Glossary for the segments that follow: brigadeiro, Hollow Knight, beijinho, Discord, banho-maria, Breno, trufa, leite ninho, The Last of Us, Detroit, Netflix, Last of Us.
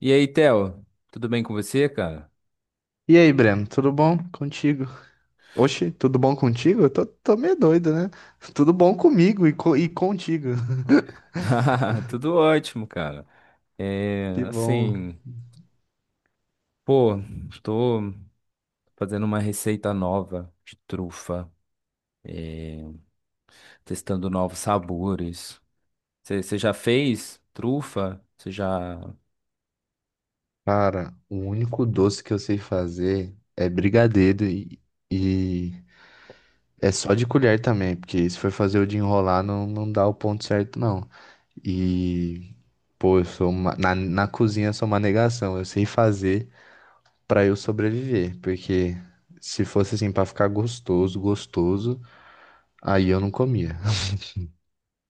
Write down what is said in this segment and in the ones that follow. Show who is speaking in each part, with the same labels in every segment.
Speaker 1: E aí, Theo, tudo bem com você, cara?
Speaker 2: E aí, Breno, tudo bom contigo? Oxi, tudo bom contigo? Eu tô meio doido, né? Tudo bom comigo e, e contigo.
Speaker 1: Tudo ótimo, cara. É,
Speaker 2: Que bom.
Speaker 1: assim, pô, estou fazendo uma receita nova de trufa, é, testando novos sabores. Você já fez trufa? Você já.
Speaker 2: Cara, o único doce que eu sei fazer é brigadeiro e é só de colher também, porque se for fazer o de enrolar, não, não dá o ponto certo, não. E, pô, na, na cozinha eu sou uma negação. Eu sei fazer pra eu sobreviver, porque se fosse assim pra ficar gostoso, gostoso, aí eu não comia.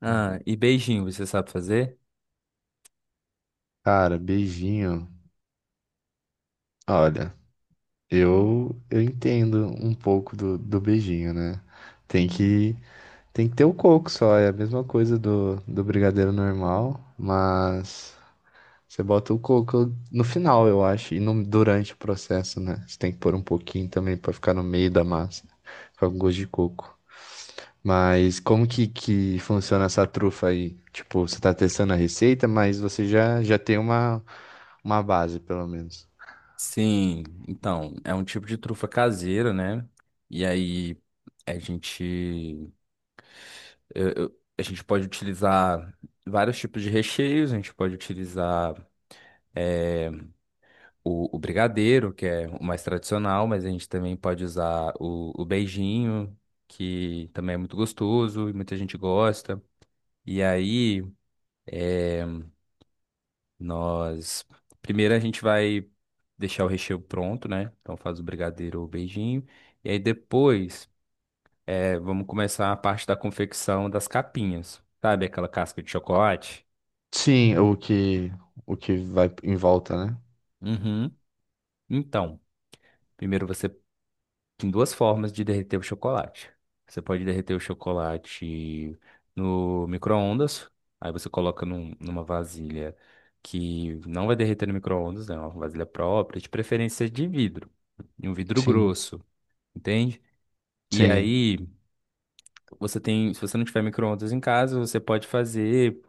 Speaker 1: Ah, e beijinho, você sabe fazer?
Speaker 2: Cara, beijinho. Olha, eu entendo um pouco do, do beijinho, né? Tem que tem que ter o coco só, é a mesma coisa do, do brigadeiro normal, mas você bota o coco no final, eu acho, e no, durante o processo, né? Você tem que pôr um pouquinho também pra ficar no meio da massa, ficar com gosto de coco. Mas como que funciona essa trufa aí? Tipo, você tá testando a receita, mas você já tem uma base, pelo menos.
Speaker 1: Sim, então, é um tipo de trufa caseira, né? E aí, a gente a gente pode utilizar vários tipos de recheios, a gente pode utilizar o brigadeiro, que é o mais tradicional, mas a gente também pode usar o beijinho, que também é muito gostoso e muita gente gosta. E aí, nós. Primeiro a gente vai deixar o recheio pronto, né? Então faz o brigadeiro ou o beijinho. E aí depois, vamos começar a parte da confecção das capinhas. Sabe aquela casca de chocolate?
Speaker 2: Sim, o que vai em volta, né?
Speaker 1: Uhum. Então. Primeiro você Tem duas formas de derreter o chocolate. Você pode derreter o chocolate no micro-ondas, aí você coloca numa vasilha que não vai derreter no micro-ondas, né? É uma vasilha própria, de preferência de vidro, de um vidro
Speaker 2: Sim,
Speaker 1: grosso, entende? E
Speaker 2: sim,
Speaker 1: aí você tem, se você não tiver micro-ondas em casa, você pode fazer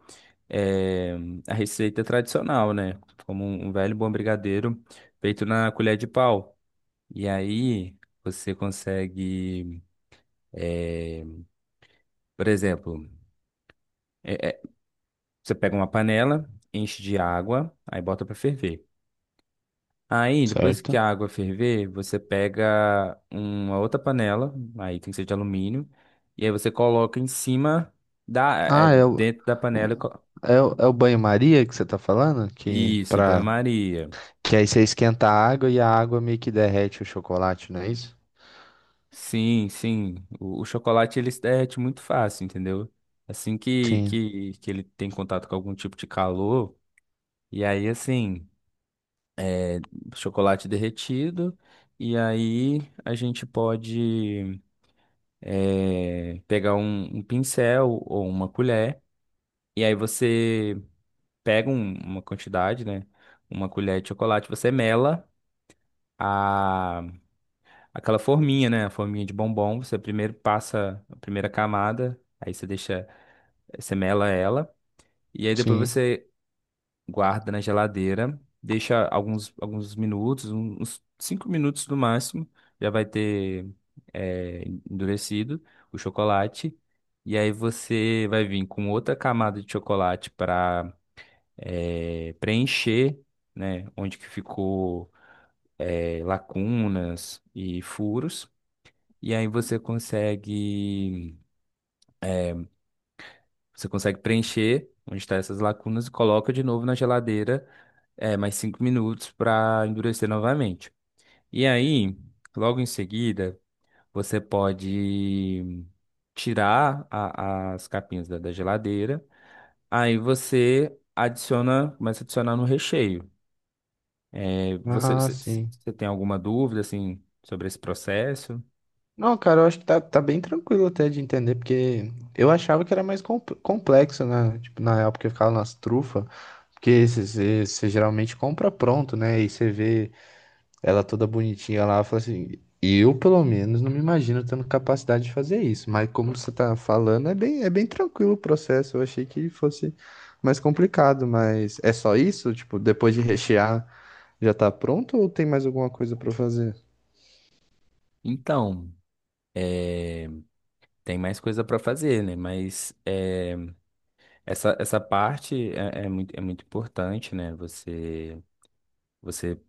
Speaker 1: eh, a receita tradicional, né? Como um velho bom brigadeiro feito na colher de pau. E aí você consegue, por exemplo. É, Você pega uma panela, enche de água, aí bota pra ferver. Aí, depois que
Speaker 2: certo.
Speaker 1: a água ferver, você pega uma outra panela, aí tem que ser de alumínio, e aí você coloca em cima
Speaker 2: Ah, é o,
Speaker 1: dentro da panela.
Speaker 2: o- é, é o banho-maria que você tá falando? Que
Speaker 1: Isso,
Speaker 2: para
Speaker 1: banho-maria.
Speaker 2: que aí você esquenta a água e a água meio que derrete o chocolate, não é isso?
Speaker 1: Sim, sim. O chocolate ele se derrete muito fácil, entendeu? Assim que,
Speaker 2: Sim,
Speaker 1: que, que ele tem contato com algum tipo de calor, e aí assim, chocolate derretido, e aí a gente pode. É, pegar um pincel ou uma colher, e aí você pega uma quantidade, né? Uma colher de chocolate, você mela a, aquela forminha, né? A forminha de bombom. Você primeiro passa a primeira camada, aí você deixa, você mela ela, e aí depois
Speaker 2: sim.
Speaker 1: você guarda na geladeira, deixa alguns minutos, uns 5 minutos no máximo, já vai ter é, endurecido o chocolate. E aí você vai vir com outra camada de chocolate para preencher, né, onde que ficou lacunas e furos. E aí você consegue preencher onde estão essas lacunas e coloca de novo na geladeira mais cinco minutos para endurecer novamente. E aí, logo em seguida, você pode tirar as capinhas da geladeira. Aí você adiciona, começa a adicionar no recheio. É, Você,
Speaker 2: Ah,
Speaker 1: você,
Speaker 2: sim.
Speaker 1: você tem alguma dúvida assim sobre esse processo?
Speaker 2: Não, cara, eu acho que tá, tá bem tranquilo até de entender, porque eu achava que era mais complexo, né? Tipo, na época que eu ficava nas trufas, porque você geralmente compra pronto, né? E você vê ela toda bonitinha lá, fala assim, eu pelo menos não me imagino tendo capacidade de fazer isso, mas como você tá falando, é bem tranquilo o processo, eu achei que fosse mais complicado, mas é só isso? Tipo, depois de rechear, já tá pronto ou tem mais alguma coisa pra fazer?
Speaker 1: Então, é, tem mais coisa para fazer, né? Mas essa parte é muito importante, né? Você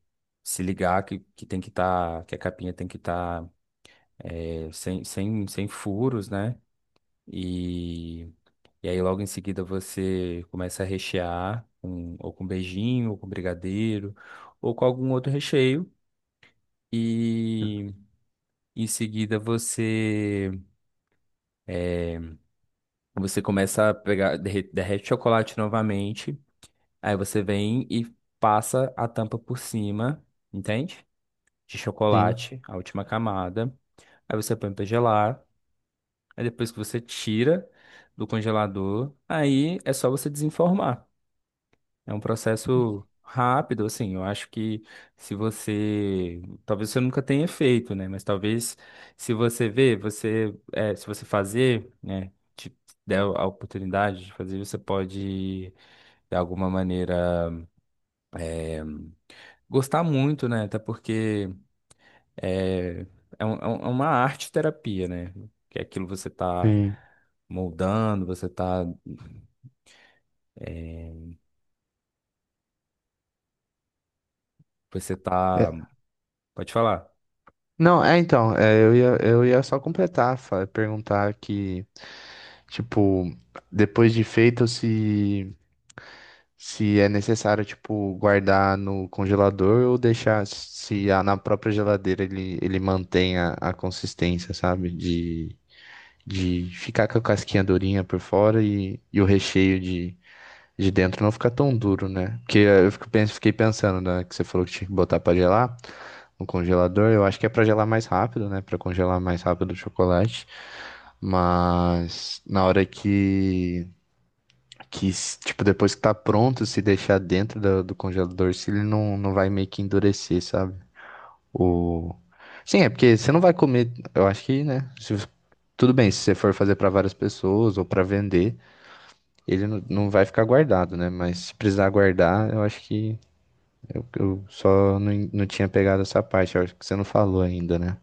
Speaker 1: se ligar que tem que estar, que a capinha tem que estar sem furos, né? E, e aí logo em seguida você começa a rechear com, ou com beijinho, ou com brigadeiro, ou com algum outro recheio. E em seguida você começa a pegar, derrete o chocolate novamente. Aí você vem e passa a tampa por cima, entende? De
Speaker 2: Sim,
Speaker 1: chocolate, a última camada. Aí você põe pra gelar. Aí depois que você tira do congelador, aí é só você desenformar. É um processo rápido, assim. Eu acho que se você, talvez você nunca tenha feito, né? Mas talvez se você ver, se você fazer, né? Te der a oportunidade de fazer, você pode de alguma maneira gostar muito, né? Até porque é, é uma arte terapia, né? Que é aquilo que você tá
Speaker 2: sim.
Speaker 1: moldando, você tá. Você
Speaker 2: É,
Speaker 1: tá. Pode falar.
Speaker 2: não, é então, é, eu ia só completar, perguntar que, tipo, depois de feito, se é necessário, tipo, guardar no congelador ou deixar se na própria geladeira ele, ele mantém a consistência, sabe? De ficar com a casquinha durinha por fora e o recheio de dentro não ficar tão duro, né? Porque eu fico, fiquei pensando, né, que você falou que tinha que botar pra gelar no congelador. Eu acho que é pra gelar mais rápido, né? Pra congelar mais rápido o chocolate. Mas na hora que, tipo, depois que tá pronto, se deixar dentro do, do congelador, se ele não, não vai meio que endurecer, sabe? O... Sim, é porque você não vai comer, eu acho que, né? Se tudo bem, se você for fazer pra várias pessoas ou pra vender, ele não, não vai ficar guardado, né? Mas se precisar guardar, eu acho que eu só não, não tinha pegado essa parte, eu acho que você não falou ainda, né?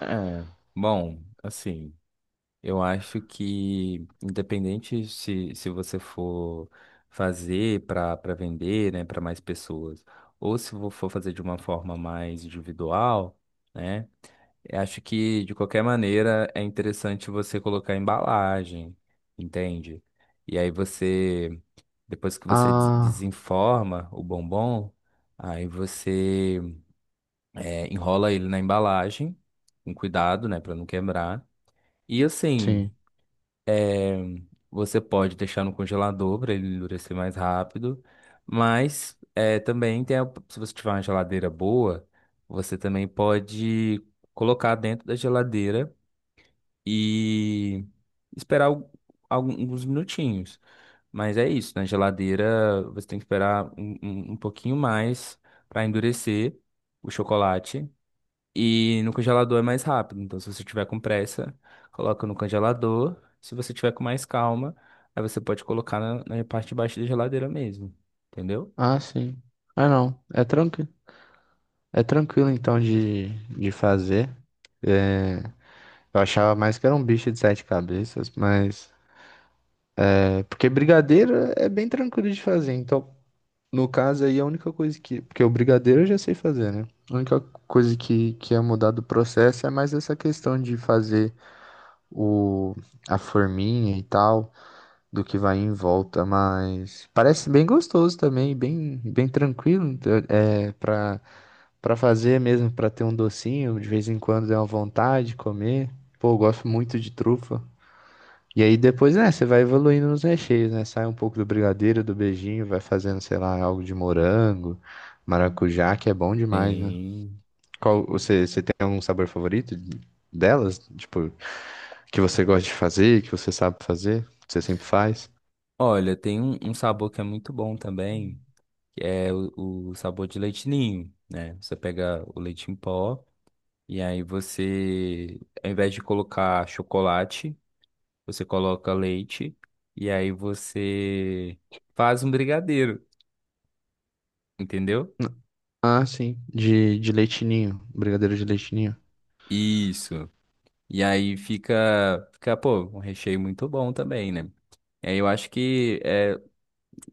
Speaker 1: É, bom, assim, eu acho que independente se, se você for fazer para vender, né, para mais pessoas, ou se vo- for fazer de uma forma mais individual, né, eu acho que de qualquer maneira é interessante você colocar embalagem, entende? E aí você, depois que você
Speaker 2: Ah,
Speaker 1: desenforma o bombom, aí você enrola ele na embalagem, com cuidado, né, para não quebrar. E assim,
Speaker 2: sim.
Speaker 1: você pode deixar no congelador para ele endurecer mais rápido, mas também tem se você tiver uma geladeira boa, você também pode colocar dentro da geladeira e esperar alguns minutinhos. Mas é isso, na geladeira você tem que esperar um pouquinho mais para endurecer o chocolate. E no congelador é mais rápido. Então, se você tiver com pressa, coloca no congelador. Se você tiver com mais calma, aí você pode colocar na, na parte de baixo da geladeira mesmo. Entendeu?
Speaker 2: Ah, sim. Ah, não. É tranquilo. É tranquilo então de fazer. Eu achava mais que era um bicho de sete cabeças, mas. É, porque brigadeiro é bem tranquilo de fazer. Então, no caso aí, a única coisa que. Porque o brigadeiro eu já sei fazer, né? A única coisa que ia mudar do processo é mais essa questão de fazer o, a forminha e tal, do que vai em volta. Mas parece bem gostoso também, bem, bem tranquilo então é, pra, pra fazer mesmo, pra ter um docinho, de vez em quando é uma vontade de comer. Pô, eu gosto muito de trufa. E aí depois, né, você vai evoluindo nos recheios, né? Sai um pouco do brigadeiro, do beijinho, vai fazendo, sei lá, algo de morango, maracujá, que é bom demais, né?
Speaker 1: Tem.
Speaker 2: Qual, você tem algum sabor favorito de- delas? Tipo, que você gosta de fazer, que você sabe fazer, que você sempre faz?
Speaker 1: Olha, tem um sabor que é muito bom também, que é o sabor de leite ninho, né? Você pega o leite em pó e aí você, ao invés de colocar chocolate, você coloca leite e aí você faz um brigadeiro, entendeu?
Speaker 2: Ah, sim, de leite ninho, brigadeiro de leite ninho.
Speaker 1: Isso. E aí fica, fica, pô, um recheio muito bom também, né? E aí eu acho que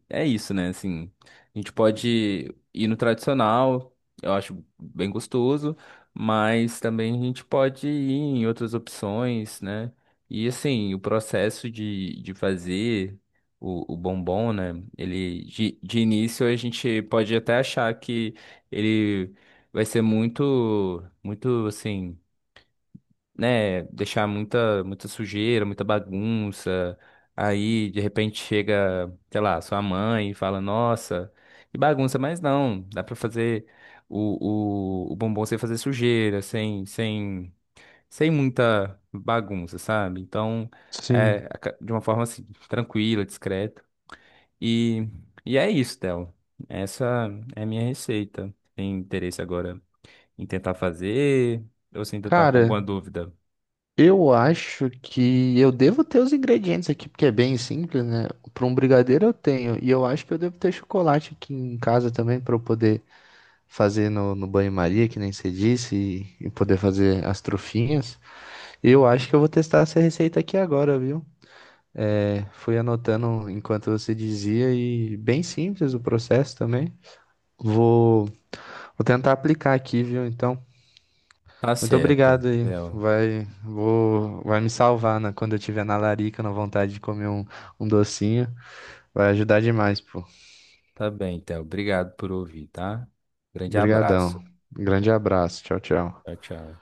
Speaker 1: é isso, né? Assim, a gente pode ir no tradicional, eu acho bem gostoso, mas também a gente pode ir em outras opções, né? E assim, o processo de fazer o bombom, né? Ele, de início a gente pode até achar que ele vai ser muito, assim né, deixar muita sujeira, muita bagunça. Aí, de repente, chega, sei lá, sua mãe e fala, nossa, que bagunça, mas não, dá pra fazer o bombom sem fazer sujeira, sem muita bagunça, sabe? Então,
Speaker 2: Sim.
Speaker 1: de uma forma assim, tranquila, discreta. E, e é isso, Théo. Essa é a minha receita. Tem interesse agora em tentar fazer ou se ainda tá com
Speaker 2: Cara,
Speaker 1: alguma dúvida?
Speaker 2: eu acho que eu devo ter os ingredientes aqui, porque é bem simples, né? Para um brigadeiro eu tenho, e eu acho que eu devo ter chocolate aqui em casa também para eu poder fazer no, no banho-maria, que nem você disse, e poder fazer as trufinhas. Eu acho que eu vou testar essa receita aqui agora, viu? É, fui anotando enquanto você dizia, e bem simples o processo também. Vou, vou tentar aplicar aqui, viu? Então.
Speaker 1: Tá
Speaker 2: Muito
Speaker 1: certo,
Speaker 2: obrigado aí.
Speaker 1: Theo.
Speaker 2: Vai me salvar na, quando eu tiver na larica, na vontade de comer um, um docinho. Vai ajudar demais, pô.
Speaker 1: Tá bem, Theo. Obrigado por ouvir, tá? Grande abraço.
Speaker 2: Obrigadão. Grande abraço. Tchau, tchau.
Speaker 1: Tchau, tchau.